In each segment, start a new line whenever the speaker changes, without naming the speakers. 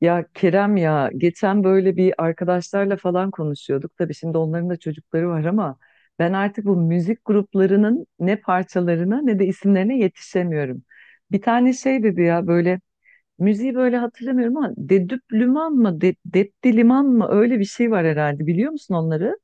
Ya Kerem ya geçen böyle bir arkadaşlarla falan konuşuyorduk. Tabii şimdi onların da çocukları var ama ben artık bu müzik gruplarının ne parçalarına ne de isimlerine yetişemiyorum. Bir tane şey dedi ya böyle müziği böyle hatırlamıyorum ama Dedüp Lüman mı De, Depti Liman mı öyle bir şey var herhalde biliyor musun onları?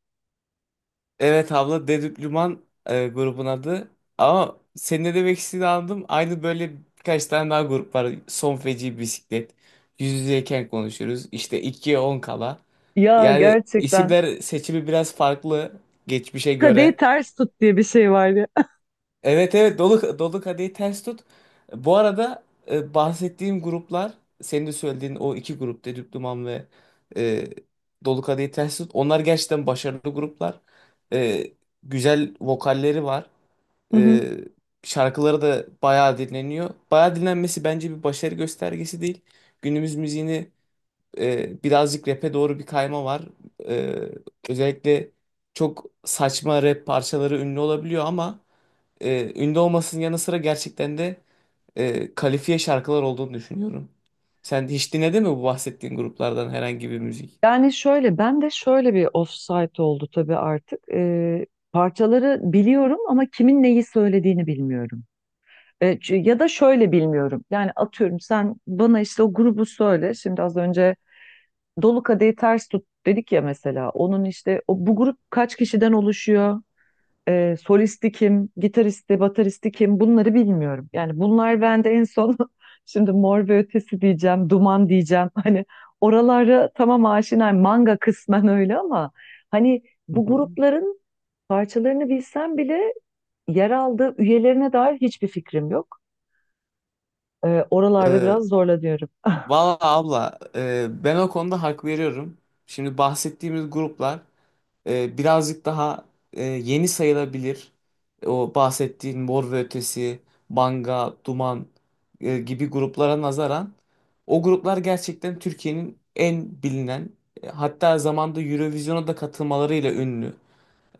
Evet abla Dedüplüman, grubun adı. Ama senin ne demek istediğini anladım. Aynı böyle birkaç tane daha grup var. Son feci bisiklet. Yüz yüzeyken konuşuruz. İşte 2'ye 10 kala.
Ya
Yani
gerçekten
isimler seçimi biraz farklı geçmişe
kadehi
göre.
ters tut diye bir şey var ya.
Evet, evet, dolu kadehi ters tut. Bu arada bahsettiğim gruplar, senin de söylediğin o iki grup, Dedüp Duman ve e, Dolu Kadehi Ters Tut. Onlar gerçekten başarılı gruplar. E, Güzel vokalleri var. E, Şarkıları da bayağı dinleniyor. Bayağı dinlenmesi bence bir başarı göstergesi değil. Günümüz müziğini, birazcık rap'e doğru bir kayma var. E, Özellikle çok saçma rap parçaları ünlü olabiliyor ama, ünlü olmasının yanı sıra gerçekten de, kalifiye şarkılar olduğunu düşünüyorum. Sen hiç dinledin mi bu bahsettiğin gruplardan herhangi bir müzik?
Yani şöyle, ben de şöyle bir offside oldu tabii artık. Parçaları biliyorum ama kimin neyi söylediğini bilmiyorum. Ya da şöyle bilmiyorum. Yani atıyorum sen bana işte o grubu söyle. Şimdi az önce Dolu Kadehi Ters Tut dedik ya mesela. Onun işte o, bu grup kaç kişiden oluşuyor? Solisti kim, gitaristi, bataristi kim bunları bilmiyorum. Yani bunlar bende en son şimdi Mor ve Ötesi diyeceğim, Duman diyeceğim. Hani oralara tamam aşinayım. Manga kısmen öyle ama hani
Hı
bu
hı.
grupların parçalarını bilsem bile yer aldığı üyelerine dair hiçbir fikrim yok. Oralarda
Ee,
biraz zorlanıyorum.
Valla abla, ben o konuda hak veriyorum. Şimdi bahsettiğimiz gruplar, birazcık daha, yeni sayılabilir. O bahsettiğin Mor ve Ötesi, Banga, Duman, gibi gruplara nazaran o gruplar gerçekten Türkiye'nin en bilinen, hatta zamanda Eurovision'a da katılmalarıyla ünlü.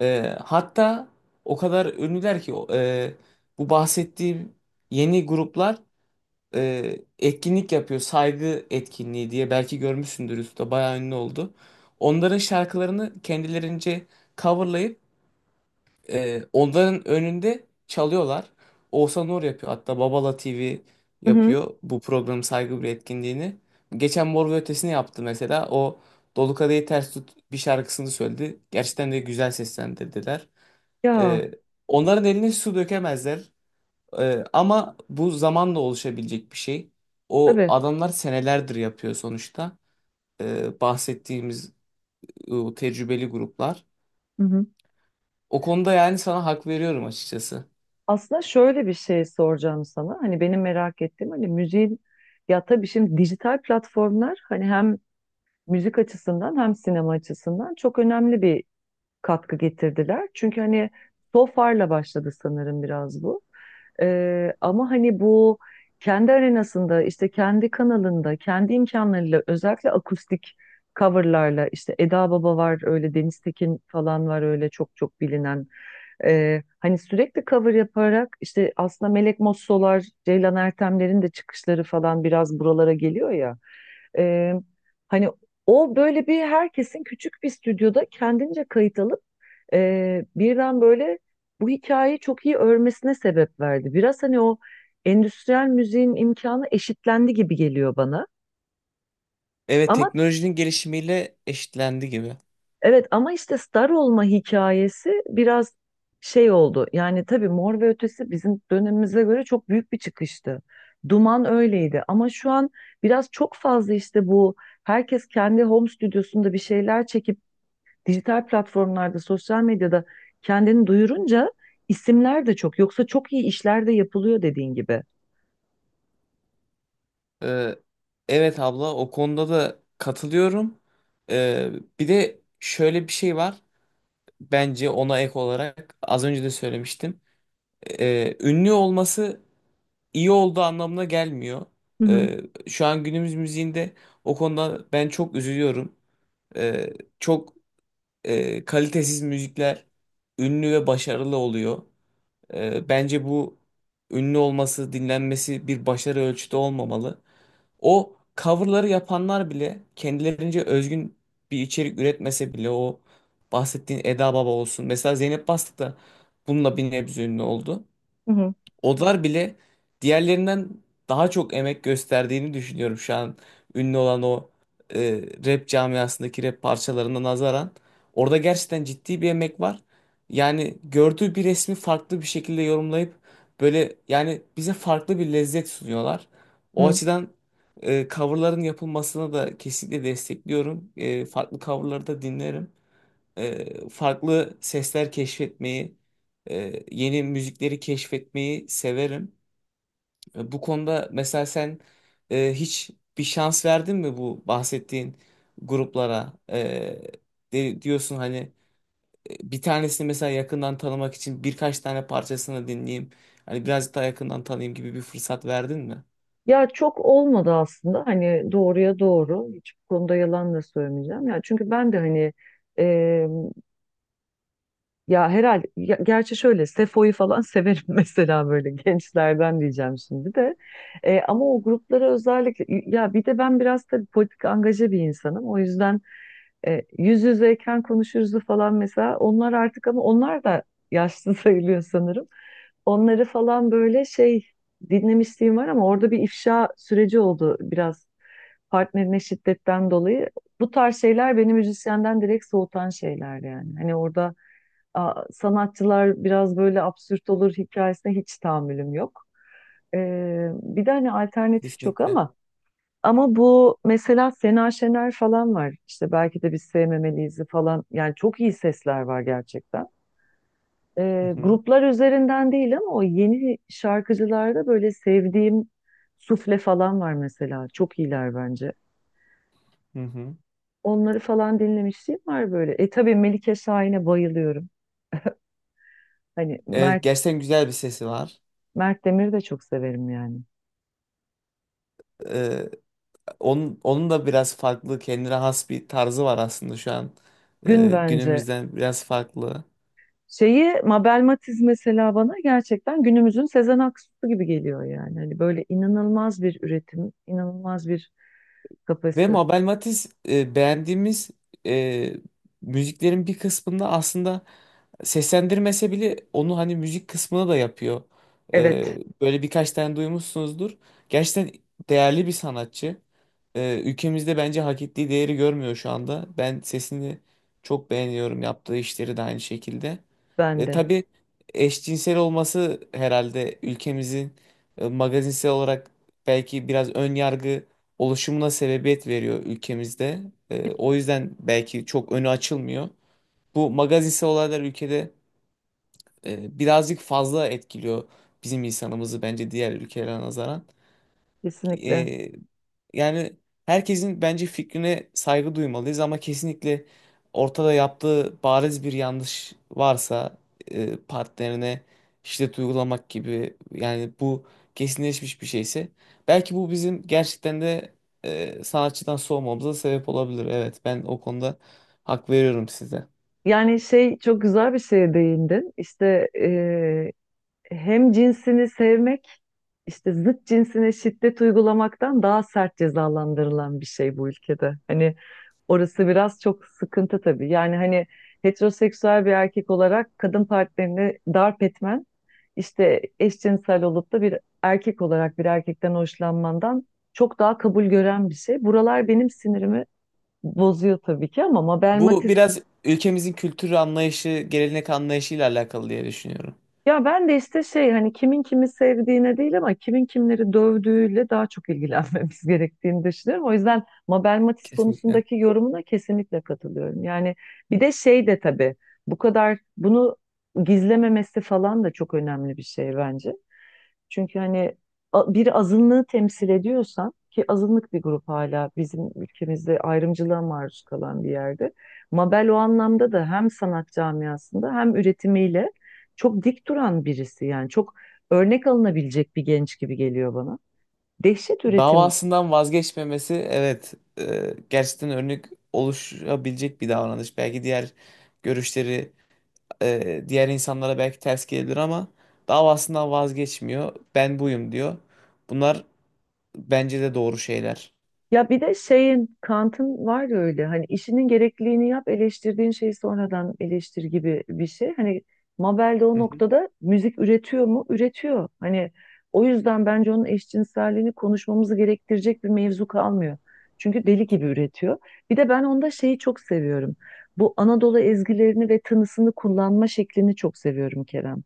E, hatta o kadar ünlüler ki bu bahsettiğim yeni gruplar, etkinlik yapıyor. Saygı etkinliği diye belki görmüşsündür, üstte bayağı ünlü oldu. Onların şarkılarını kendilerince coverlayıp, onların önünde çalıyorlar. Oğuzhan Uğur yapıyor. Hatta Babala TV
Hı hı.
yapıyor bu program saygı bir etkinliğini. Geçen Mor ve Ötesi'ni yaptı mesela. O Dolu Kadehi Ters Tut bir şarkısını söyledi. Gerçekten de güzel seslendirdiler.
Ya
E, Onların eline su dökemezler. Ama bu zamanla oluşabilecek bir şey. O
tabii.
adamlar senelerdir yapıyor sonuçta. Bahsettiğimiz, tecrübeli gruplar.
Hı hı.
O konuda yani sana hak veriyorum açıkçası.
Aslında şöyle bir şey soracağım sana. Hani benim merak ettiğim hani müziğin ya tabii şimdi dijital platformlar hani hem müzik açısından hem sinema açısından çok önemli bir katkı getirdiler. Çünkü hani SOFA'rla başladı sanırım biraz bu. Ama hani bu kendi arenasında işte kendi kanalında kendi imkanlarıyla özellikle akustik coverlarla işte Eda Baba var öyle Deniz Tekin falan var öyle çok çok bilinen hani sürekli cover yaparak işte aslında Melek Mossolar, Ceylan Ertemler'in de çıkışları falan biraz buralara geliyor ya. Ee, hani o böyle bir herkesin küçük bir stüdyoda kendince kayıt alıp birden böyle bu hikayeyi çok iyi örmesine sebep verdi. Biraz hani o endüstriyel müziğin imkanı eşitlendi gibi geliyor bana.
Evet,
Ama
teknolojinin gelişimiyle eşitlendi gibi.
evet, ama işte star olma hikayesi biraz şey oldu. Yani tabii Mor ve Ötesi bizim dönemimize göre çok büyük bir çıkıştı. Duman öyleydi ama şu an biraz çok fazla işte bu herkes kendi home stüdyosunda bir şeyler çekip dijital platformlarda, sosyal medyada kendini duyurunca isimler de çok. Yoksa çok iyi işler de yapılıyor dediğin gibi.
Ee, evet abla, o konuda da katılıyorum. Ee, Bir de şöyle bir şey var. Bence ona ek olarak az önce de söylemiştim. Ünlü olması iyi olduğu anlamına gelmiyor.
Hı hı.
Ee, Şu an günümüz müziğinde o konuda ben çok üzülüyorum. Ee, Çok, kalitesiz müzikler ünlü ve başarılı oluyor. Bence bu ünlü olması, dinlenmesi bir başarı ölçütü olmamalı. O coverları yapanlar bile kendilerince özgün bir içerik üretmese bile o bahsettiğin Eda Baba olsun. Mesela Zeynep Bastık da bununla bir nebze ünlü oldu.
Hı hı.
Olar bile diğerlerinden daha çok emek gösterdiğini düşünüyorum şu an ünlü olan o e, rap camiasındaki rap parçalarına nazaran. Orada gerçekten ciddi bir emek var. Yani gördüğü bir resmi farklı bir şekilde yorumlayıp böyle yani bize farklı bir lezzet sunuyorlar. O
Hı.
açıdan, coverların yapılmasına da kesinlikle destekliyorum. E, farklı coverları da dinlerim, farklı sesler keşfetmeyi, yeni müzikleri keşfetmeyi severim. Bu konuda mesela sen, hiç bir şans verdin mi bu bahsettiğin gruplara? Diyorsun hani, bir tanesini mesela yakından tanımak için birkaç tane parçasını dinleyeyim. Hani birazcık daha yakından tanıyayım gibi bir fırsat verdin mi?
Ya çok olmadı aslında hani doğruya doğru hiç bu konuda yalan da söylemeyeceğim. Ya çünkü ben de hani gerçi şöyle Sefo'yu falan severim mesela böyle gençlerden diyeceğim şimdi de. Ama o gruplara özellikle ya bir de ben biraz da politik angaje bir insanım. O yüzden yüz yüzeyken konuşuruzu falan mesela onlar artık ama onlar da yaşlı sayılıyor sanırım. Onları falan böyle şey dinlemişliğim var ama orada bir ifşa süreci oldu biraz partnerine şiddetten dolayı. Bu tarz şeyler beni müzisyenden direkt soğutan şeyler yani. Sanatçılar biraz böyle absürt olur hikayesine hiç tahammülüm yok. Bir de hani alternatif çok
Kesinlikle.
ama bu mesela Sena Şener falan var. İşte belki de biz sevmemeliyiz'i falan. Yani çok iyi sesler var gerçekten.
Hı hı.
Gruplar üzerinden değil ama o yeni şarkıcılarda böyle sevdiğim Sufle falan var mesela. Çok iyiler bence.
Hı hı.
Onları falan dinlemişliğim var böyle. E tabii Melike Şahin'e bayılıyorum. Hani
Evet,
Mert
gerçekten güzel bir sesi var.
Mert Demir'i de çok severim yani.
Onun da biraz farklı kendine has bir tarzı var aslında şu an
Gün
e,
bence.
günümüzden biraz farklı.
Şeyi Mabel Matiz mesela bana gerçekten günümüzün Sezen Aksu gibi geliyor yani. Hani böyle inanılmaz bir üretim, inanılmaz bir
Ve
kapasite.
Mabel Matiz, beğendiğimiz e, müziklerin bir kısmında aslında seslendirmese bile onu hani müzik kısmına da yapıyor. Ee,
Evet,
Böyle birkaç tane duymuşsunuzdur. Gerçekten değerli bir sanatçı. Ülkemizde bence hak ettiği değeri görmüyor şu anda. Ben sesini çok beğeniyorum. Yaptığı işleri de aynı şekilde.
ben
E,
de
tabii eşcinsel olması herhalde ülkemizin, magazinsel olarak belki biraz ön yargı oluşumuna sebebiyet veriyor ülkemizde. O yüzden belki çok önü açılmıyor. Bu magazinsel olaylar ülkede, birazcık fazla etkiliyor bizim insanımızı bence diğer ülkelere nazaran.
kesinlikle.
E, Yani herkesin bence fikrine saygı duymalıyız ama kesinlikle ortada yaptığı bariz bir yanlış varsa, partnerine şiddet uygulamak gibi, yani bu kesinleşmiş bir şeyse belki bu bizim gerçekten de, sanatçıdan soğumamıza sebep olabilir. Evet, ben o konuda hak veriyorum size.
Yani şey çok güzel bir şeye değindin. İşte hem cinsini sevmek işte zıt cinsine şiddet uygulamaktan daha sert cezalandırılan bir şey bu ülkede. Hani orası biraz çok sıkıntı tabii. Yani hani heteroseksüel bir erkek olarak kadın partnerini darp etmen işte eşcinsel olup da bir erkek olarak bir erkekten hoşlanmandan çok daha kabul gören bir şey. Buralar benim sinirimi bozuyor tabii ki ama Mabel
Bu
Matiz.
biraz ülkemizin kültür anlayışı, gelenek anlayışıyla alakalı diye düşünüyorum.
Ya ben de işte şey hani kimin kimi sevdiğine değil ama kimin kimleri dövdüğüyle daha çok ilgilenmemiz gerektiğini düşünüyorum. O yüzden Mabel Matiz
Kesinlikle.
konusundaki yorumuna kesinlikle katılıyorum. Yani bir de şey de tabii bu kadar bunu gizlememesi falan da çok önemli bir şey bence. Çünkü hani bir azınlığı temsil ediyorsan ki azınlık bir grup hala bizim ülkemizde ayrımcılığa maruz kalan bir yerde. Mabel o anlamda da hem sanat camiasında hem üretimiyle çok dik duran birisi yani çok örnek alınabilecek bir genç gibi geliyor bana. Dehşet üretim.
Davasından vazgeçmemesi, evet, gerçekten örnek oluşabilecek bir davranış. Belki diğer görüşleri, diğer insanlara belki ters gelebilir ama davasından vazgeçmiyor. Ben buyum diyor. Bunlar bence de doğru şeyler.
Ya bir de şeyin Kant'ın var ya öyle hani işinin gerekliliğini yap eleştirdiğin şeyi sonradan eleştir gibi bir şey. Hani Mabel de o noktada müzik üretiyor mu? Üretiyor. Hani o yüzden bence onun eşcinselliğini konuşmamızı gerektirecek bir mevzu kalmıyor. Çünkü deli gibi üretiyor. Bir de ben onda şeyi çok seviyorum. Bu Anadolu ezgilerini ve tınısını kullanma şeklini çok seviyorum Kerem.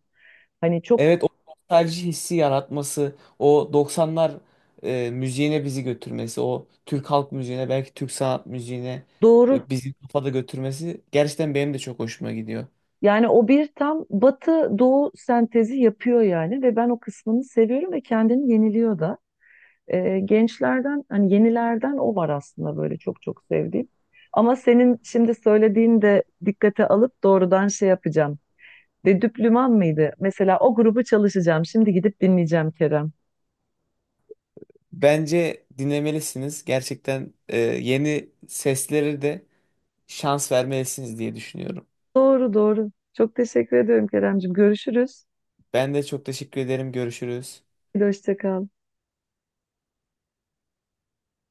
Hani çok
Evet, o nostalji hissi yaratması, o 90'lar müziğine bizi götürmesi, o Türk halk müziğine, belki Türk sanat müziğine
doğru.
e, bizi kafada götürmesi gerçekten benim de çok hoşuma gidiyor.
Yani o bir tam batı doğu sentezi yapıyor yani ve ben o kısmını seviyorum ve kendini yeniliyor da. Gençlerden hani yenilerden o var aslında böyle çok çok sevdiğim. Ama senin şimdi söylediğin de dikkate alıp doğrudan şey yapacağım. Ve Düplüman mıydı? Mesela o grubu çalışacağım. Şimdi gidip dinleyeceğim Kerem.
Bence dinlemelisiniz. Gerçekten, yeni sesleri de şans vermelisiniz diye düşünüyorum.
Doğru doğru. Çok teşekkür ediyorum Keremcim. Görüşürüz.
Ben de çok teşekkür ederim. Görüşürüz.
Hoşça kal.